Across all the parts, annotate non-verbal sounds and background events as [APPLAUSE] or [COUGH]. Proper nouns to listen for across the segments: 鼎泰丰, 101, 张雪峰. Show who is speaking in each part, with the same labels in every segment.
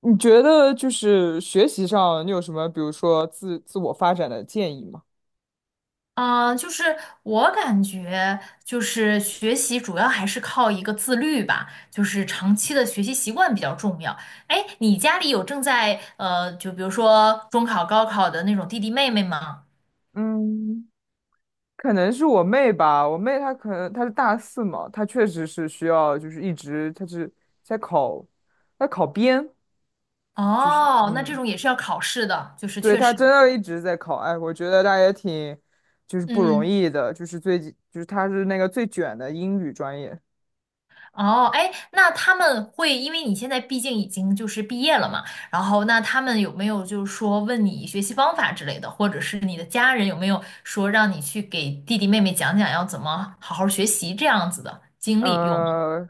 Speaker 1: 你觉得就是学习上，你有什么，比如说自我发展的建议吗？
Speaker 2: 啊，就是我感觉，就是学习主要还是靠一个自律吧，就是长期的学习习惯比较重要。哎，你家里有正在就比如说中考、高考的那种弟弟妹妹吗？
Speaker 1: 嗯，可能是我妹吧，我妹她可能她是大四嘛，她确实是需要就是一直她是在考，在考编，就是
Speaker 2: 哦，那这
Speaker 1: 嗯，
Speaker 2: 种也是要考试的，就是
Speaker 1: 对，
Speaker 2: 确
Speaker 1: 她
Speaker 2: 实，
Speaker 1: 真的一直在考，哎，我觉得她也挺就是不容
Speaker 2: 嗯。
Speaker 1: 易的，就是最近就是她是那个最卷的英语专业，
Speaker 2: 哦，哎，那他们会，因为你现在毕竟已经就是毕业了嘛，然后那他们有没有就是说问你学习方法之类的，或者是你的家人有没有说让你去给弟弟妹妹讲讲要怎么好好学习这样子的经历有吗？
Speaker 1: 呃，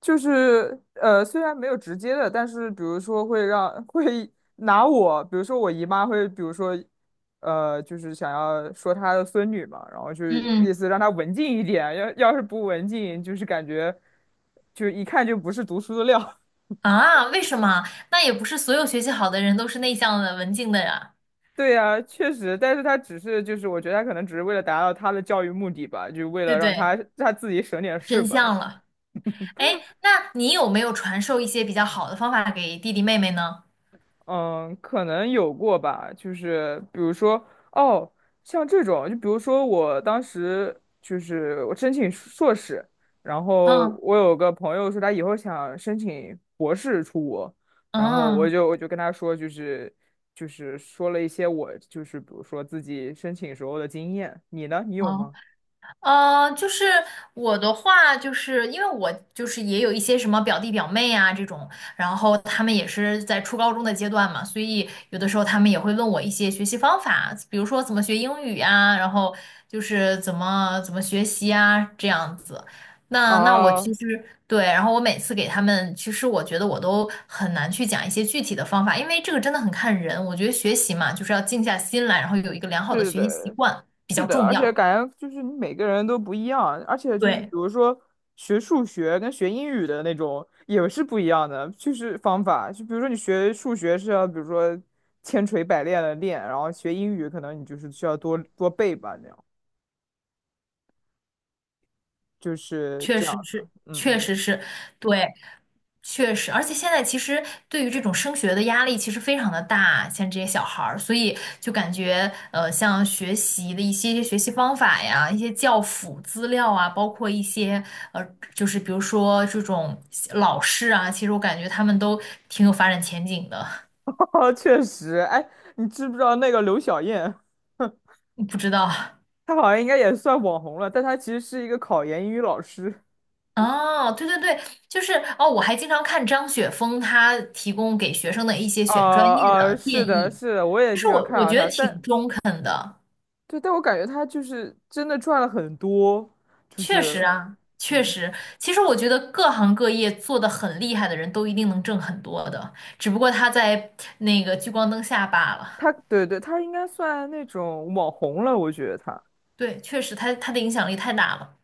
Speaker 1: 就是虽然没有直接的，但是比如说会让 [LAUGHS] 会拿我，比如说我姨妈会，比如说就是想要说她的孙女嘛，然后就是
Speaker 2: 嗯，
Speaker 1: 意思让她文静一点，要是不文静，就是感觉就一看就不是读书的料。
Speaker 2: 啊，为什么？那也不是所有学习好的人都是内向的、文静的呀，
Speaker 1: [LAUGHS] 对呀，确实，但是她只是就是，我觉得她可能只是为了达到她的教育目的吧，就为
Speaker 2: 对
Speaker 1: 了
Speaker 2: 不
Speaker 1: 让她
Speaker 2: 对？
Speaker 1: 她自己省点事
Speaker 2: 真
Speaker 1: 吧。
Speaker 2: 相了。哎，那你有没有传授一些比较好的方法给弟弟妹妹呢？
Speaker 1: 嗯，可能有过吧，就是比如说，哦，像这种，就比如说我当时就是我申请硕士，然后
Speaker 2: 嗯
Speaker 1: 我有个朋友说他以后想申请博士出国，然后我
Speaker 2: 嗯，
Speaker 1: 就我就跟他说，就是就是说了一些我就是比如说自己申请时候的经验，你呢？你有
Speaker 2: 哦
Speaker 1: 吗？
Speaker 2: 就是我的话，就是因为我就是也有一些什么表弟表妹啊这种，然后他们也是在初高中的阶段嘛，所以有的时候他们也会问我一些学习方法，比如说怎么学英语呀，然后就是怎么怎么学习啊这样子。那我其
Speaker 1: 啊，
Speaker 2: 实对，然后我每次给他们，其实我觉得我都很难去讲一些具体的方法，因为这个真的很看人。我觉得学习嘛，就是要静下心来，然后有一个良好的
Speaker 1: 是
Speaker 2: 学习习
Speaker 1: 的，
Speaker 2: 惯比
Speaker 1: 是
Speaker 2: 较
Speaker 1: 的，
Speaker 2: 重
Speaker 1: 而且
Speaker 2: 要。
Speaker 1: 感觉就是你每个人都不一样，而且就是比
Speaker 2: 对。
Speaker 1: 如说学数学跟学英语的那种也是不一样的，就是方法。就比如说你学数学是要，比如说千锤百炼的练，然后学英语可能你就是需要多多背吧，那样就是
Speaker 2: 确
Speaker 1: 这样
Speaker 2: 实
Speaker 1: 子。
Speaker 2: 是，
Speaker 1: 嗯
Speaker 2: 确
Speaker 1: 嗯，
Speaker 2: 实是，对，确实，而且现在其实对于这种升学的压力其实非常的大，像这些小孩儿，所以就感觉像学习的一些学习方法呀，一些教辅资料啊，包括一些呃，就是比如说这种老师啊，其实我感觉他们都挺有发展前景的，
Speaker 1: [LAUGHS] 哦确实。哎，你知不知道那个刘晓燕，
Speaker 2: [LAUGHS] 不知道。
Speaker 1: 她好像应该也算网红了，但她其实是一个考研英语老师。
Speaker 2: 哦，对对对，就是哦，我还经常看张雪峰他提供给学生的一些选专业的
Speaker 1: 是
Speaker 2: 建
Speaker 1: 的，
Speaker 2: 议，
Speaker 1: 是的，我也
Speaker 2: 其
Speaker 1: 经
Speaker 2: 实
Speaker 1: 常
Speaker 2: 我
Speaker 1: 看
Speaker 2: 我
Speaker 1: 到
Speaker 2: 觉
Speaker 1: 她，
Speaker 2: 得挺
Speaker 1: 但
Speaker 2: 中肯的，
Speaker 1: 对，但我感觉他就是真的赚了很多，就
Speaker 2: 确实
Speaker 1: 是，
Speaker 2: 啊，确
Speaker 1: 嗯，
Speaker 2: 实，其实我觉得各行各业做的很厉害的人都一定能挣很多的，只不过他在那个聚光灯下罢了。
Speaker 1: 他，他应该算那种网红了，我觉得他
Speaker 2: 对，确实他的影响力太大了。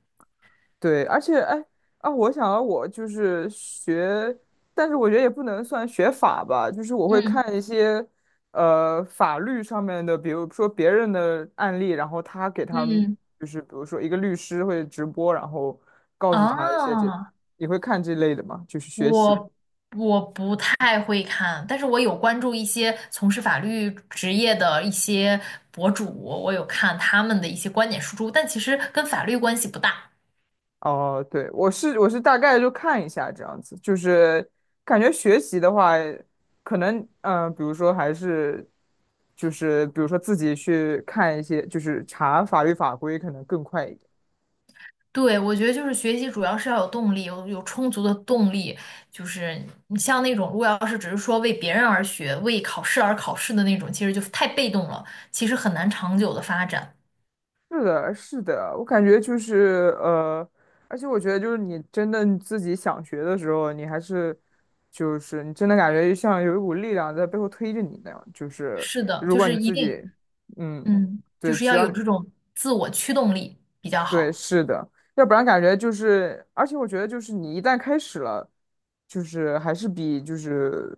Speaker 1: 对，而且哎啊，我想到我就是学，但是我觉得也不能算学法吧，就是我会
Speaker 2: 嗯
Speaker 1: 看一些呃法律上面的，比如说别人的案例，然后他给他们
Speaker 2: 嗯，
Speaker 1: 就是比如说一个律师会直播，然后告诉他一些这，
Speaker 2: 哦，
Speaker 1: 你会看这类的吗？就是学习。
Speaker 2: 我我不太会看，但是我有关注一些从事法律职业的一些博主，我有看他们的一些观点输出，但其实跟法律关系不大。
Speaker 1: 哦，对，我是大概就看一下这样子，就是感觉学习的话，可能比如说还是就是比如说自己去看一些，就是查法律法规，可能更快一点。
Speaker 2: 对，我觉得就是学习主要是要有动力，有充足的动力。就是你像那种，如果要是只是说为别人而学、为考试而考试的那种，其实就太被动了，其实很难长久的发展。
Speaker 1: 是的，是的，我感觉就是而且我觉得就是你真的你自己想学的时候，你还是就是你真的感觉像有一股力量在背后推着你那样，就是
Speaker 2: 是的，
Speaker 1: 如
Speaker 2: 就
Speaker 1: 果你
Speaker 2: 是一
Speaker 1: 自
Speaker 2: 定，
Speaker 1: 己嗯。
Speaker 2: 嗯，就
Speaker 1: 对，
Speaker 2: 是
Speaker 1: 只
Speaker 2: 要
Speaker 1: 要
Speaker 2: 有这种自我驱动力比较
Speaker 1: 对，
Speaker 2: 好。
Speaker 1: 是的，要不然感觉就是，而且我觉得就是你一旦开始了，就是还是比就是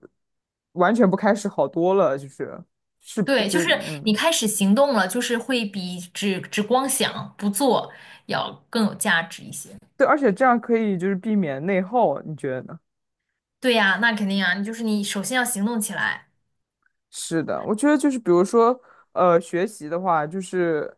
Speaker 1: 完全不开始好多了，就是是
Speaker 2: 对，
Speaker 1: 就
Speaker 2: 就是
Speaker 1: 嗯，
Speaker 2: 你开始行动了，就是会比只光想不做要更有价值一些。
Speaker 1: 对，而且这样可以就是避免内耗，你觉得呢？
Speaker 2: 对呀，那肯定啊，你就是你首先要行动起来
Speaker 1: 是的，我觉得就是比如说，学习的话，就是，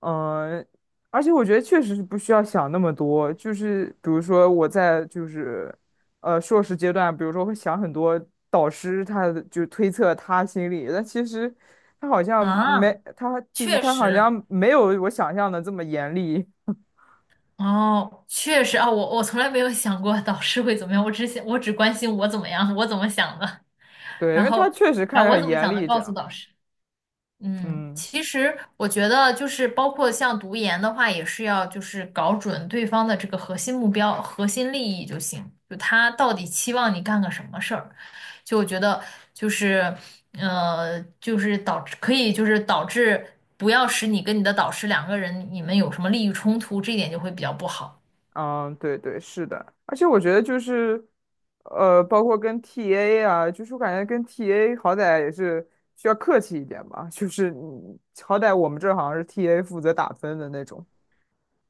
Speaker 1: 嗯、而且我觉得确实是不需要想那么多。就是比如说我在就是，硕士阶段，比如说会想很多导师他的就推测他心里，但其实
Speaker 2: 啊，确
Speaker 1: 他好
Speaker 2: 实，
Speaker 1: 像没有我想象的这么严厉。
Speaker 2: 哦，确实啊，我从来没有想过导师会怎么样，我只想我只关心我怎么样，我怎么想的，[LAUGHS]
Speaker 1: 对，因
Speaker 2: 然
Speaker 1: 为他
Speaker 2: 后
Speaker 1: 确实看着
Speaker 2: 我
Speaker 1: 很
Speaker 2: 怎么
Speaker 1: 严
Speaker 2: 想的
Speaker 1: 厉，这
Speaker 2: 告诉
Speaker 1: 样。
Speaker 2: 导师。嗯，
Speaker 1: 嗯。
Speaker 2: 其实我觉得就是包括像读研的话，也是要就是搞准对方的这个核心目标、核心利益就行。就他到底期望你干个什么事儿？就我觉得就是就是导致可以就是导致不要使你跟你的导师两个人你们有什么利益冲突，这一点就会比较不好。
Speaker 1: 嗯，对对，是的，而且我觉得就是，包括跟 TA 啊，就是我感觉跟 TA 好歹也是需要客气一点吧，[LAUGHS] 就是你好歹我们这好像是 TA 负责打分的那种，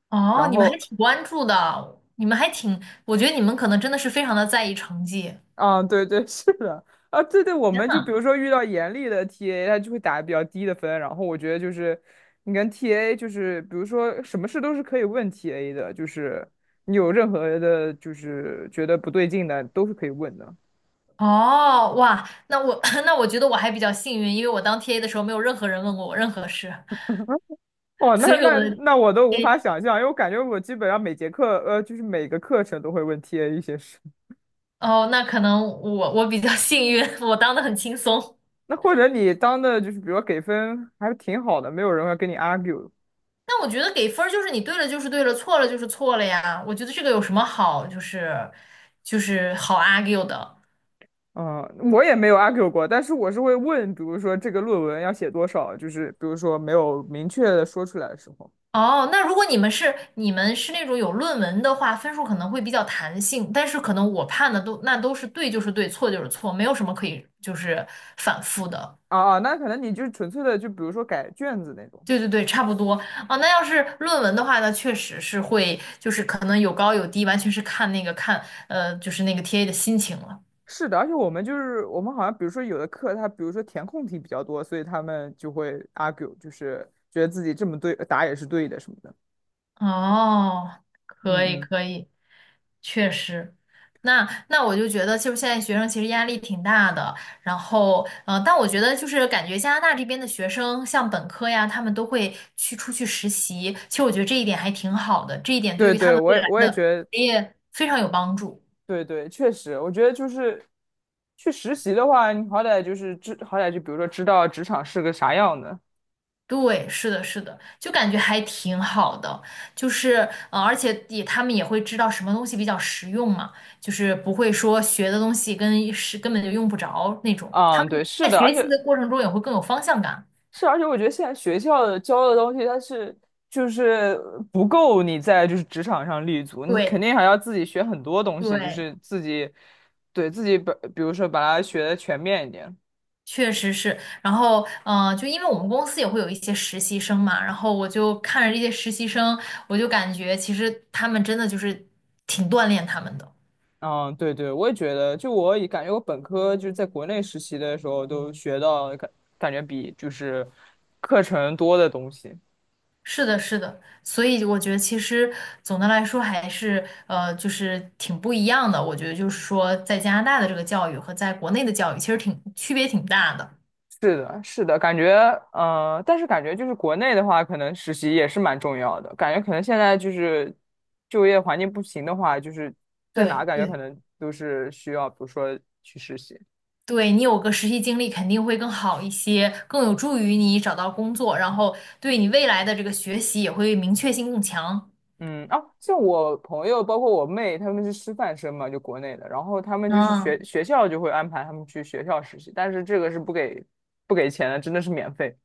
Speaker 2: 哦，
Speaker 1: 然
Speaker 2: 你们还
Speaker 1: 后，
Speaker 2: 挺关注的，你们还挺，我觉得你们可能真的是非常的在意成绩。
Speaker 1: 啊，对对，[LAUGHS] 是的，啊，对对，我
Speaker 2: 天
Speaker 1: 们就比
Speaker 2: 呐！
Speaker 1: 如说遇到严厉的 TA，他就会打比较低的分，然后我觉得就是你跟 TA 就是比如说什么事都是可以问 TA 的，就是你有任何的，就是觉得不对劲的，都是可以问的。
Speaker 2: 哦，哇，那我 [LAUGHS] 那我觉得我还比较幸运，因为我当 TA 的时候没有任何人问过我任何事，
Speaker 1: 哦，那
Speaker 2: 所以我
Speaker 1: 那
Speaker 2: 的
Speaker 1: 那我都
Speaker 2: T
Speaker 1: 无
Speaker 2: A
Speaker 1: 法想象，因为我感觉我基本上每节课，就是每个课程都会问 TA 一些事。[LAUGHS]
Speaker 2: 哦，那可能我比较幸运，[LAUGHS] 我当的很轻松。
Speaker 1: 那或者你当的就是，比如说给分还挺好的，没有人会跟你 argue。
Speaker 2: 但我觉得给分儿就是你对了就是对了，错了就是错了呀。我觉得这个有什么好，就是好 argue 的。
Speaker 1: 嗯，我也没有 argue 过，但是我是会问，比如说这个论文要写多少，就是比如说没有明确的说出来的时候。
Speaker 2: 哦，那如果你们是那种有论文的话，分数可能会比较弹性，但是可能我判的都那都是对就是对，错就是错，没有什么可以就是反复的。
Speaker 1: 啊啊，那可能你就纯粹的，就比如说改卷子那种。
Speaker 2: 对对对，差不多啊，那要是论文的话呢，确实是会，就是可能有高有低，完全是看那个看，就是那个 TA 的心情了。
Speaker 1: 是的，而且我们就是我们好像，比如说有的课，它比如说填空题比较多，所以他们就会 argue，就是觉得自己这么对答也是对的什么的。
Speaker 2: 哦，可以
Speaker 1: 嗯嗯，
Speaker 2: 可以，确实。那我就觉得，就是现在学生其实压力挺大的。然后，但我觉得就是感觉加拿大这边的学生，像本科呀，他们都会去出去实习。其实我觉得这一点还挺好的，这一点对
Speaker 1: 对
Speaker 2: 于他
Speaker 1: 对，
Speaker 2: 们
Speaker 1: 我
Speaker 2: 未
Speaker 1: 也
Speaker 2: 来
Speaker 1: 我也觉
Speaker 2: 的
Speaker 1: 得，
Speaker 2: 职业非常有帮助。
Speaker 1: 对对，确实，我觉得就是去实习的话，你好歹就是知，好歹就比如说知道职场是个啥样的。
Speaker 2: 对，是的，是的，就感觉还挺好的，就是而且也他们也会知道什么东西比较实用嘛，就是不会说学的东西跟是根本就用不着那种，他
Speaker 1: 嗯，对，
Speaker 2: 们
Speaker 1: 是
Speaker 2: 在
Speaker 1: 的，而
Speaker 2: 学习
Speaker 1: 且
Speaker 2: 的过程中也会更有方向感。
Speaker 1: 是，而且我觉得现在学校的教的东西，它是就是不够你在就是职场上立足，你肯
Speaker 2: 对
Speaker 1: 定还要自己学很多东西，就
Speaker 2: 对，
Speaker 1: 是自己对自己本，比如说把它学的全面一点。
Speaker 2: 确实是。然后，就因为我们公司也会有一些实习生嘛，然后我就看着这些实习生，我就感觉其实他们真的就是挺锻炼他们的。
Speaker 1: 嗯，对对，我也觉得，就我也感觉我本科就是在国内实习的时候都学到感感觉比就是课程多的东西。
Speaker 2: 是的，是的，所以我觉得其实总的来说还是就是挺不一样的。我觉得就是说，在加拿大的这个教育和在国内的教育其实挺区别挺大的。
Speaker 1: 是的，是的，感觉，但是感觉就是国内的话，可能实习也是蛮重要的。感觉可能现在就是就业环境不行的话，就是在哪
Speaker 2: 对
Speaker 1: 感觉可
Speaker 2: 对
Speaker 1: 能都是需要，比如说去实习。
Speaker 2: 对，你有个实习经历肯定会更好一些，更有助于你找到工作，然后对你未来的这个学习也会明确性更强。
Speaker 1: 嗯，啊，像我朋友，包括我妹，他们是师范生嘛，就国内的，然后他们就是
Speaker 2: 嗯，
Speaker 1: 学学校就会安排他们去学校实习，但是这个是不给钱的，真的是免费。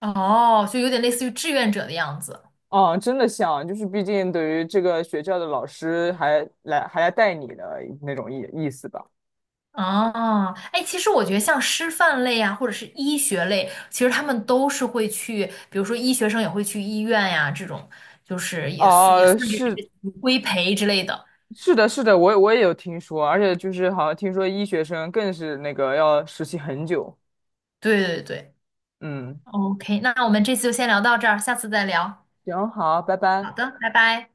Speaker 2: 哦，就有点类似于志愿者的样子。
Speaker 1: 啊，真的像，就是毕竟对于这个学校的老师还来带你的那种意思吧。
Speaker 2: 哦，哎，其实我觉得像师范类啊，或者是医学类，其实他们都是会去，比如说医学生也会去医院呀，这种就是也算也
Speaker 1: 哦，
Speaker 2: 算是
Speaker 1: 是
Speaker 2: 规培之类的。
Speaker 1: 是的，是的，我我也有听说，而且就是好像听说医学生更是那个要实习很久。
Speaker 2: 对对对
Speaker 1: 嗯，
Speaker 2: ，OK,那我们这次就先聊到这儿，下次再聊。
Speaker 1: 行，好，拜
Speaker 2: 好
Speaker 1: 拜。
Speaker 2: 的，拜拜。